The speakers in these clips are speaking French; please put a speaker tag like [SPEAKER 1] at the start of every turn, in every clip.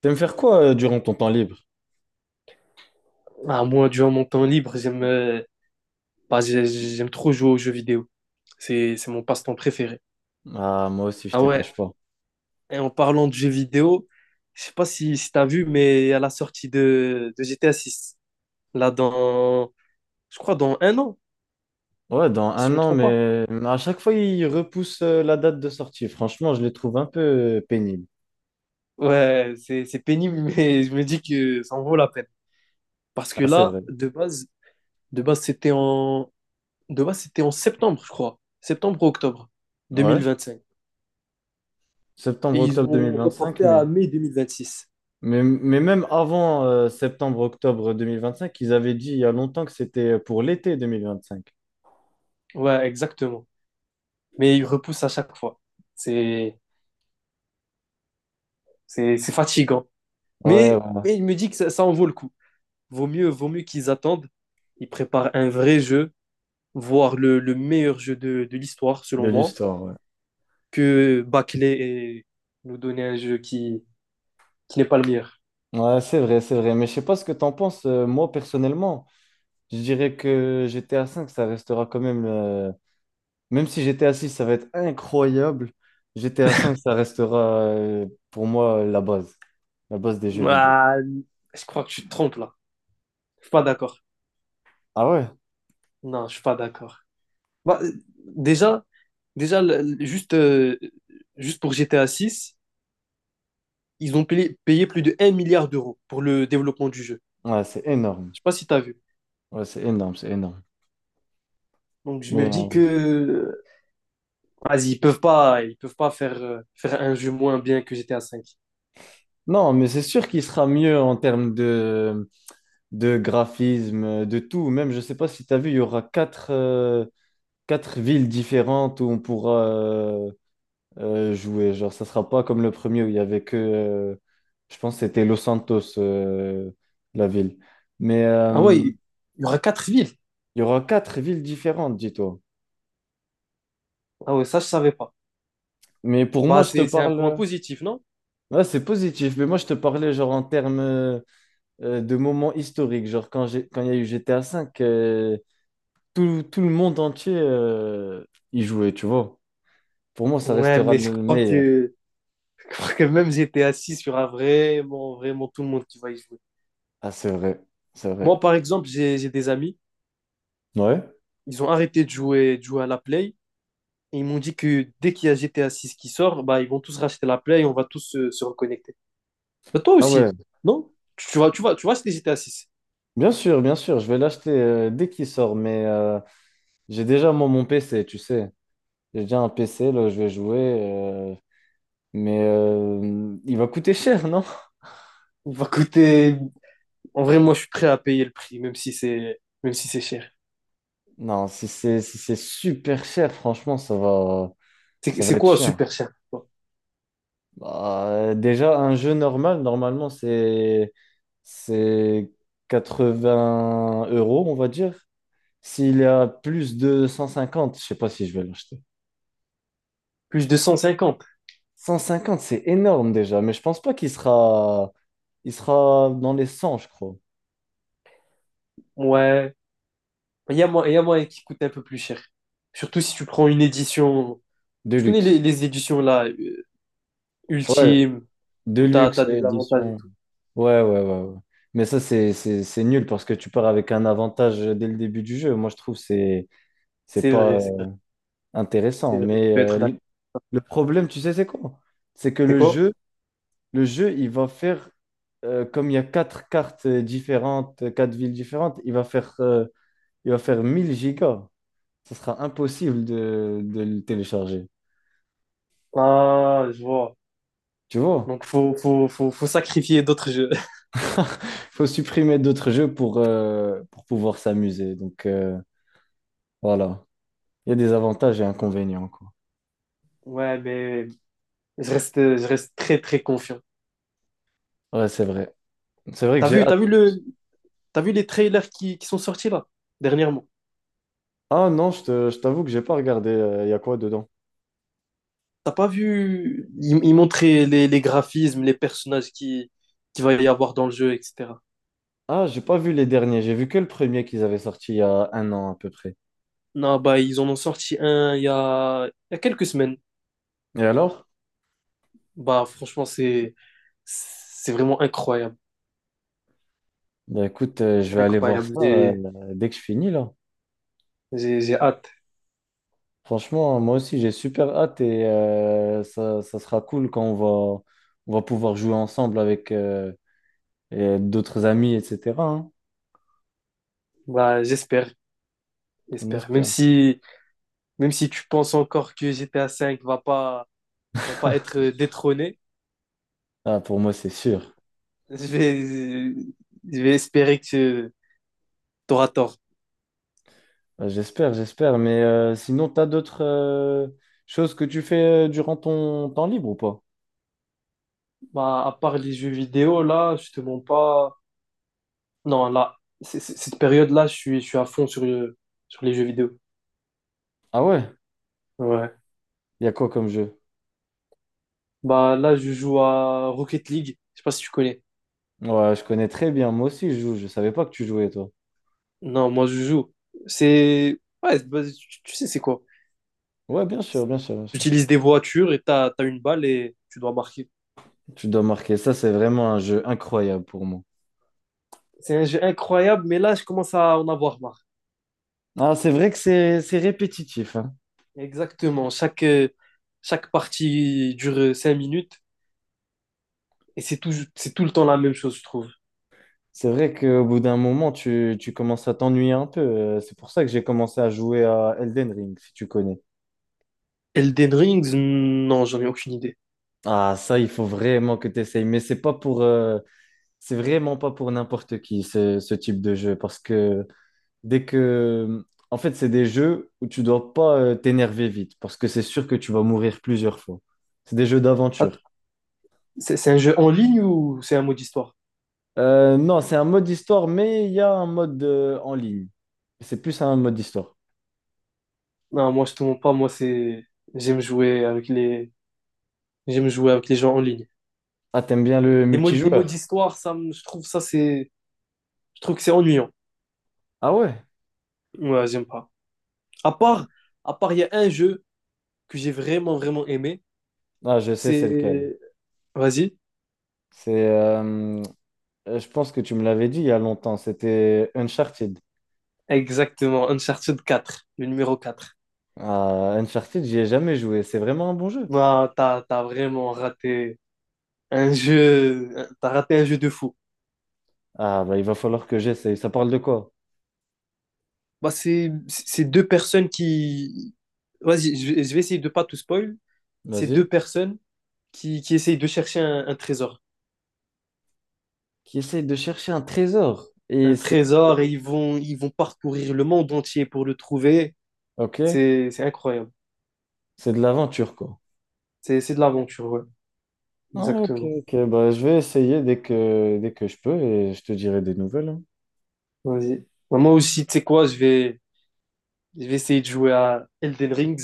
[SPEAKER 1] T'aimes faire quoi durant ton temps libre?
[SPEAKER 2] Ah, moi, durant mon temps libre, j'aime bah, j'aime trop jouer aux jeux vidéo. C'est mon passe-temps préféré.
[SPEAKER 1] Ah, moi aussi, je
[SPEAKER 2] Ah
[SPEAKER 1] te
[SPEAKER 2] ouais,
[SPEAKER 1] cache pas.
[SPEAKER 2] et en parlant de jeux vidéo, je sais pas si t'as vu, mais à la sortie de GTA 6, là dans, je crois dans un an,
[SPEAKER 1] Ouais, dans
[SPEAKER 2] si je
[SPEAKER 1] un
[SPEAKER 2] me
[SPEAKER 1] an,
[SPEAKER 2] trompe pas.
[SPEAKER 1] mais à chaque fois, ils repoussent la date de sortie. Franchement, je les trouve un peu pénibles.
[SPEAKER 2] Ouais, c'est pénible, mais je me dis que ça en vaut la peine. Parce que
[SPEAKER 1] Ah, c'est
[SPEAKER 2] là,
[SPEAKER 1] vrai.
[SPEAKER 2] de base c'était en, de base, c'était en septembre, je crois. Septembre ou octobre
[SPEAKER 1] Ouais.
[SPEAKER 2] 2025.
[SPEAKER 1] Septembre,
[SPEAKER 2] Et ils
[SPEAKER 1] octobre
[SPEAKER 2] ont
[SPEAKER 1] 2025,
[SPEAKER 2] reporté
[SPEAKER 1] mais,
[SPEAKER 2] à mai 2026.
[SPEAKER 1] mais, mais même avant septembre, octobre 2025, ils avaient dit il y a longtemps que c'était pour l'été 2025.
[SPEAKER 2] Ouais, exactement. Mais il repousse à chaque fois. C'est, c'est fatigant.
[SPEAKER 1] Ouais,
[SPEAKER 2] Mais,
[SPEAKER 1] ouais,
[SPEAKER 2] mais il me dit que ça en vaut le coup. Vaut mieux qu'ils attendent. Ils préparent un vrai jeu, voire le meilleur jeu de l'histoire,
[SPEAKER 1] de
[SPEAKER 2] selon moi,
[SPEAKER 1] l'histoire, ouais.
[SPEAKER 2] que bâcler et nous donner un jeu qui n'est pas le meilleur.
[SPEAKER 1] Ouais, c'est vrai, c'est vrai. Mais je sais pas ce que t'en penses. Moi, personnellement, je dirais que GTA V, ça restera quand même. Même si GTA 6, ça va être incroyable, GTA 5, ça restera pour moi la base des jeux vidéo.
[SPEAKER 2] Ah, je crois que tu te trompes là. Je suis pas d'accord.
[SPEAKER 1] Ah ouais?
[SPEAKER 2] Non, je suis pas d'accord. Bah, déjà, déjà juste, juste pour GTA 6, ils ont payé plus de 1 milliard d'euros pour le développement du jeu.
[SPEAKER 1] Ouais, c'est énorme.
[SPEAKER 2] Je sais pas si tu as vu.
[SPEAKER 1] Ouais, c'est énorme, c'est énorme.
[SPEAKER 2] Donc je
[SPEAKER 1] Mais,
[SPEAKER 2] me dis que vas-y, ils peuvent pas faire un jeu moins bien que GTA 5.
[SPEAKER 1] non, mais c'est sûr qu'il sera mieux en termes de graphisme, de tout. Même, je sais pas si tu as vu, il y aura quatre villes différentes où on pourra jouer. Genre, ça sera pas comme le premier où il y avait que, je pense que c'était Los Santos, la ville. Mais
[SPEAKER 2] Ah ouais, il y aura quatre villes.
[SPEAKER 1] il y aura quatre villes différentes, dis-toi.
[SPEAKER 2] Ah ouais, ça je savais pas.
[SPEAKER 1] Mais pour moi,
[SPEAKER 2] Bah
[SPEAKER 1] je te
[SPEAKER 2] c'est un point
[SPEAKER 1] parle.
[SPEAKER 2] positif, non?
[SPEAKER 1] Ouais, c'est positif, mais moi, je te parlais genre en termes de moments historiques. Genre, quand il y a eu GTA V, tout le monde entier y jouait, tu vois. Pour moi, ça
[SPEAKER 2] Ouais,
[SPEAKER 1] restera
[SPEAKER 2] mais je
[SPEAKER 1] le
[SPEAKER 2] crois
[SPEAKER 1] meilleur.
[SPEAKER 2] que je crois que même GTA 6 il y aura vraiment, vraiment tout le monde qui va y jouer.
[SPEAKER 1] Ah, c'est vrai, c'est
[SPEAKER 2] Moi,
[SPEAKER 1] vrai.
[SPEAKER 2] par exemple, j'ai des amis,
[SPEAKER 1] Ouais.
[SPEAKER 2] ils ont arrêté de jouer à la Play et ils m'ont dit que dès qu'il y a GTA six qui sort, bah ils vont tous racheter la Play et on va tous se reconnecter. Bah, toi
[SPEAKER 1] Ah
[SPEAKER 2] aussi,
[SPEAKER 1] ouais,
[SPEAKER 2] non? Tu vas se hésiter à six.
[SPEAKER 1] bien sûr, je vais l'acheter dès qu'il sort, mais j'ai déjà moi mon PC, tu sais. J'ai déjà un PC, là, je vais jouer, mais il va coûter cher, non?
[SPEAKER 2] Il va coûter. En vrai, moi, je suis prêt à payer le prix, même si c'est cher.
[SPEAKER 1] Non, si c'est super cher, franchement, ça va,
[SPEAKER 2] C'est
[SPEAKER 1] ça
[SPEAKER 2] c'est
[SPEAKER 1] va être
[SPEAKER 2] quoi
[SPEAKER 1] chiant.
[SPEAKER 2] super cher pour toi?
[SPEAKER 1] Bah, déjà, un jeu normal, normalement, c'est 80 euros, on va dire. S'il y a plus de 150, je sais pas si je vais l'acheter.
[SPEAKER 2] Plus de 150.
[SPEAKER 1] 150, c'est énorme déjà, mais je pense pas qu'il sera dans les 100, je crois,
[SPEAKER 2] Ouais. Il y a moyen qui coûte un peu plus cher. Surtout si tu prends une édition.
[SPEAKER 1] de
[SPEAKER 2] Tu connais
[SPEAKER 1] luxe.
[SPEAKER 2] les éditions là,
[SPEAKER 1] Ouais,
[SPEAKER 2] ultimes,
[SPEAKER 1] de
[SPEAKER 2] où t'as,
[SPEAKER 1] luxe,
[SPEAKER 2] t'as des avantages et
[SPEAKER 1] édition.
[SPEAKER 2] tout.
[SPEAKER 1] Ouais, ouais, ouais, ouais. Mais ça, c'est nul parce que tu pars avec un avantage dès le début du jeu. Moi, je trouve que c'est
[SPEAKER 2] C'est
[SPEAKER 1] pas
[SPEAKER 2] vrai, c'est vrai, c'est
[SPEAKER 1] intéressant.
[SPEAKER 2] vrai. Tu
[SPEAKER 1] Mais
[SPEAKER 2] peux être d'accord.
[SPEAKER 1] le problème, tu sais, c'est quoi? C'est que
[SPEAKER 2] C'est
[SPEAKER 1] le
[SPEAKER 2] quoi?
[SPEAKER 1] jeu, le jeu, il va faire, comme il y a quatre cartes différentes, quatre villes différentes, il va faire 1000 gigas. Ça sera impossible de le télécharger.
[SPEAKER 2] Ah, je vois.
[SPEAKER 1] Tu vois?
[SPEAKER 2] Donc, faut sacrifier d'autres jeux.
[SPEAKER 1] Faut supprimer d'autres jeux pour pouvoir s'amuser. Donc, voilà. Il y a des avantages et inconvénients, quoi.
[SPEAKER 2] Ouais, mais je reste très, très confiant.
[SPEAKER 1] Ouais, c'est vrai. C'est vrai que
[SPEAKER 2] T'as
[SPEAKER 1] j'ai
[SPEAKER 2] vu,
[SPEAKER 1] hâte.
[SPEAKER 2] t'as vu le, t'as vu les trailers qui sont sortis là, dernièrement?
[SPEAKER 1] Ah non, je t'avoue que j'ai pas regardé. Il y a quoi dedans?
[SPEAKER 2] T'as pas vu, ils montraient les graphismes, les personnages qui va y avoir dans le jeu, etc.
[SPEAKER 1] Ah, j'ai pas vu les derniers. J'ai vu que le premier qu'ils avaient sorti il y a un an à peu près.
[SPEAKER 2] Non, bah, ils en ont sorti un il y a quelques semaines.
[SPEAKER 1] Et alors?
[SPEAKER 2] Bah, franchement, c'est vraiment incroyable.
[SPEAKER 1] Bah écoute, je vais aller voir
[SPEAKER 2] Incroyable.
[SPEAKER 1] ça
[SPEAKER 2] J'ai,
[SPEAKER 1] dès que je finis là.
[SPEAKER 2] j'ai, j'ai hâte.
[SPEAKER 1] Franchement, moi aussi, j'ai super hâte et ça, ça sera cool quand va, on va pouvoir jouer ensemble avec et d'autres amis, etc. Hein.
[SPEAKER 2] Bah, j'espère,
[SPEAKER 1] On
[SPEAKER 2] j'espère. Même
[SPEAKER 1] espère.
[SPEAKER 2] si, Même si tu penses encore que GTA 5 va pas être détrôné,
[SPEAKER 1] Ah, pour moi, c'est sûr.
[SPEAKER 2] je vais, je vais espérer que tu auras tort.
[SPEAKER 1] Bah, j'espère, j'espère. Mais sinon, t'as d'autres choses que tu fais durant ton temps libre ou pas?
[SPEAKER 2] Bah, à part les jeux vidéo, là, je te mens pas. Non, là, cette période-là, je suis à fond sur, sur les jeux vidéo.
[SPEAKER 1] Ah ouais?
[SPEAKER 2] Ouais.
[SPEAKER 1] Il y a quoi comme jeu?
[SPEAKER 2] Bah, là, je joue à Rocket League. Je sais pas si tu connais.
[SPEAKER 1] Ouais, je connais très bien. Moi aussi, je joue. Je savais pas que tu jouais, toi.
[SPEAKER 2] Non, moi, je joue. C'est. Ouais, bah, tu sais, c'est quoi?
[SPEAKER 1] Ouais, bien sûr, bien sûr, bien
[SPEAKER 2] Tu
[SPEAKER 1] sûr.
[SPEAKER 2] utilises des voitures et t'as une balle et tu dois marquer.
[SPEAKER 1] Tu dois marquer. Ça, c'est vraiment un jeu incroyable pour moi.
[SPEAKER 2] C'est un jeu incroyable, mais là, je commence à en avoir marre.
[SPEAKER 1] Ah, c'est vrai que c'est répétitif, hein.
[SPEAKER 2] Exactement. Chaque partie dure 5 minutes et c'est tout le temps la même chose, je trouve.
[SPEAKER 1] C'est vrai qu'au bout d'un moment, tu commences à t'ennuyer un peu. C'est pour ça que j'ai commencé à jouer à Elden Ring, si tu connais.
[SPEAKER 2] Elden Rings, non, j'en ai aucune idée.
[SPEAKER 1] Ah, ça, il faut vraiment que tu essayes. Mais c'est vraiment pas pour n'importe qui ce type de jeu parce que dès que en fait c'est des jeux où tu dois pas t'énerver vite parce que c'est sûr que tu vas mourir plusieurs fois. C'est des jeux
[SPEAKER 2] Att-
[SPEAKER 1] d'aventure.
[SPEAKER 2] c'est un jeu en ligne ou c'est un mode histoire?
[SPEAKER 1] Non, c'est un mode histoire mais il y a un mode en ligne. C'est plus un mode histoire.
[SPEAKER 2] Non, moi je te mens pas, moi c'est j'aime jouer avec les j'aime jouer avec les gens en ligne.
[SPEAKER 1] Ah, t'aimes bien le
[SPEAKER 2] Les modes
[SPEAKER 1] multijoueur?
[SPEAKER 2] histoire, je trouve que c'est ennuyant.
[SPEAKER 1] Ah ouais?
[SPEAKER 2] Ouais, j'aime pas. À part à part il y a un jeu que j'ai vraiment vraiment aimé,
[SPEAKER 1] Ah, je sais c'est lequel.
[SPEAKER 2] c'est vas-y,
[SPEAKER 1] C'est je pense que tu me l'avais dit il y a longtemps, c'était Uncharted.
[SPEAKER 2] exactement Uncharted 4 le numéro 4.
[SPEAKER 1] Ah, Uncharted, j'y ai jamais joué. C'est vraiment un bon jeu.
[SPEAKER 2] Non, t'as vraiment un jeu, t'as raté un jeu de fou.
[SPEAKER 1] Ah, bah, il va falloir que j'essaye. Ça parle de quoi?
[SPEAKER 2] Bah, c'est vas-y, je vais essayer de pas tout spoil. C'est deux
[SPEAKER 1] Vas-y.
[SPEAKER 2] personnes qui essayent de chercher un trésor,
[SPEAKER 1] Qui essaye de chercher un trésor. Et
[SPEAKER 2] un
[SPEAKER 1] c'est.
[SPEAKER 2] trésor et ils vont parcourir le monde entier pour le trouver.
[SPEAKER 1] Ok,
[SPEAKER 2] C'est incroyable.
[SPEAKER 1] c'est de l'aventure, quoi.
[SPEAKER 2] C'est de l'aventure, ouais,
[SPEAKER 1] Ah, ok,
[SPEAKER 2] exactement.
[SPEAKER 1] ok. Bah, je vais essayer dès que je peux et je te dirai des nouvelles. Hein.
[SPEAKER 2] Vas-y. Bah, moi aussi, tu sais quoi, je vais essayer de jouer à Elden Rings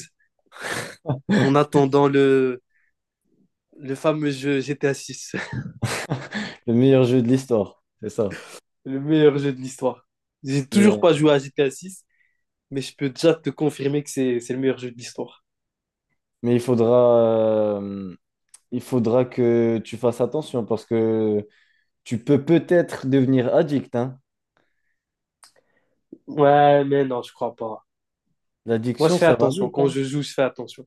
[SPEAKER 2] en attendant le fameux jeu GTA 6.
[SPEAKER 1] Le meilleur jeu de l'histoire, c'est ça.
[SPEAKER 2] Le meilleur jeu de l'histoire. J'ai toujours
[SPEAKER 1] Mais,
[SPEAKER 2] pas joué à GTA 6, mais je peux déjà te confirmer que c'est le meilleur jeu de l'histoire.
[SPEAKER 1] mais euh, il faudra que tu fasses attention parce que tu peux peut-être devenir addict, hein.
[SPEAKER 2] Ouais, mais non, je crois pas. Moi, je
[SPEAKER 1] L'addiction,
[SPEAKER 2] fais
[SPEAKER 1] ça va
[SPEAKER 2] attention.
[SPEAKER 1] vite,
[SPEAKER 2] Quand
[SPEAKER 1] hein.
[SPEAKER 2] je joue, je fais attention.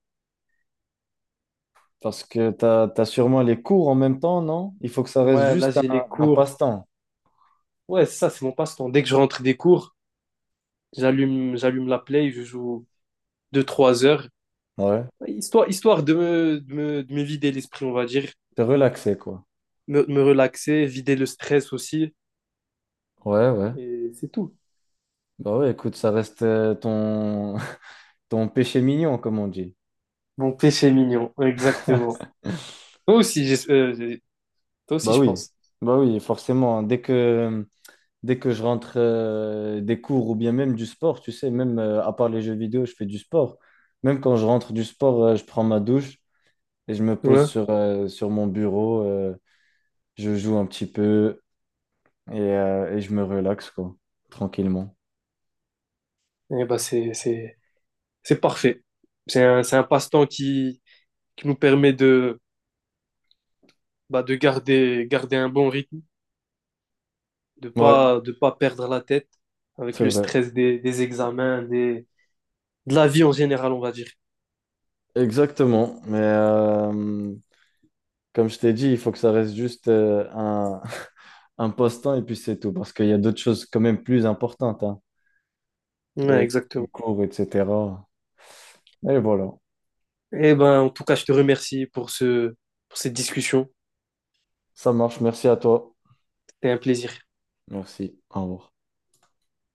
[SPEAKER 1] Parce que tu as, sûrement les cours en même temps, non? Il faut que ça reste
[SPEAKER 2] Ouais, là,
[SPEAKER 1] juste un,
[SPEAKER 2] j'ai les
[SPEAKER 1] un
[SPEAKER 2] cours.
[SPEAKER 1] passe-temps.
[SPEAKER 2] Ouais, c'est ça, c'est mon passe-temps. Dès que je rentre des cours, j'allume la Play, je joue deux trois heures.
[SPEAKER 1] Ouais.
[SPEAKER 2] Histoire de me vider l'esprit, on va dire.
[SPEAKER 1] C'est relaxé, quoi.
[SPEAKER 2] Me relaxer, vider le stress aussi.
[SPEAKER 1] Ouais, ouais.
[SPEAKER 2] Et c'est tout.
[SPEAKER 1] Bah ouais, écoute, ça reste ton ton péché mignon, comme on dit.
[SPEAKER 2] Mon péché mignon, exactement. Toi aussi, j'es- euh, j'ai- Toi aussi,
[SPEAKER 1] Bah
[SPEAKER 2] je
[SPEAKER 1] oui,
[SPEAKER 2] pense.
[SPEAKER 1] bah oui, forcément. Hein. Dès que je rentre des cours ou bien même du sport, tu sais, même à part les jeux vidéo, je fais du sport. Même quand je rentre du sport, je prends ma douche et je me pose
[SPEAKER 2] Ouais.
[SPEAKER 1] sur mon bureau, je joue un petit peu et je me relaxe, quoi, tranquillement.
[SPEAKER 2] Et ben c'est parfait. C'est un passe-temps qui nous permet bah, de garder un bon rythme, de
[SPEAKER 1] Ouais,
[SPEAKER 2] pas, de pas perdre la tête avec
[SPEAKER 1] c'est
[SPEAKER 2] le
[SPEAKER 1] vrai.
[SPEAKER 2] stress des examens, de la vie en général, on va dire.
[SPEAKER 1] Exactement. Mais comme je t'ai dit, il faut que ça reste juste un, un passe-temps et puis c'est tout. Parce qu'il y a d'autres choses quand même plus importantes, hein.
[SPEAKER 2] Ouais,
[SPEAKER 1] Et les
[SPEAKER 2] exactement.
[SPEAKER 1] cours, etc. Et voilà.
[SPEAKER 2] Et ben, en tout cas, je te remercie pour cette discussion.
[SPEAKER 1] Ça marche. Merci à toi.
[SPEAKER 2] C'était un plaisir.
[SPEAKER 1] Merci. Au revoir.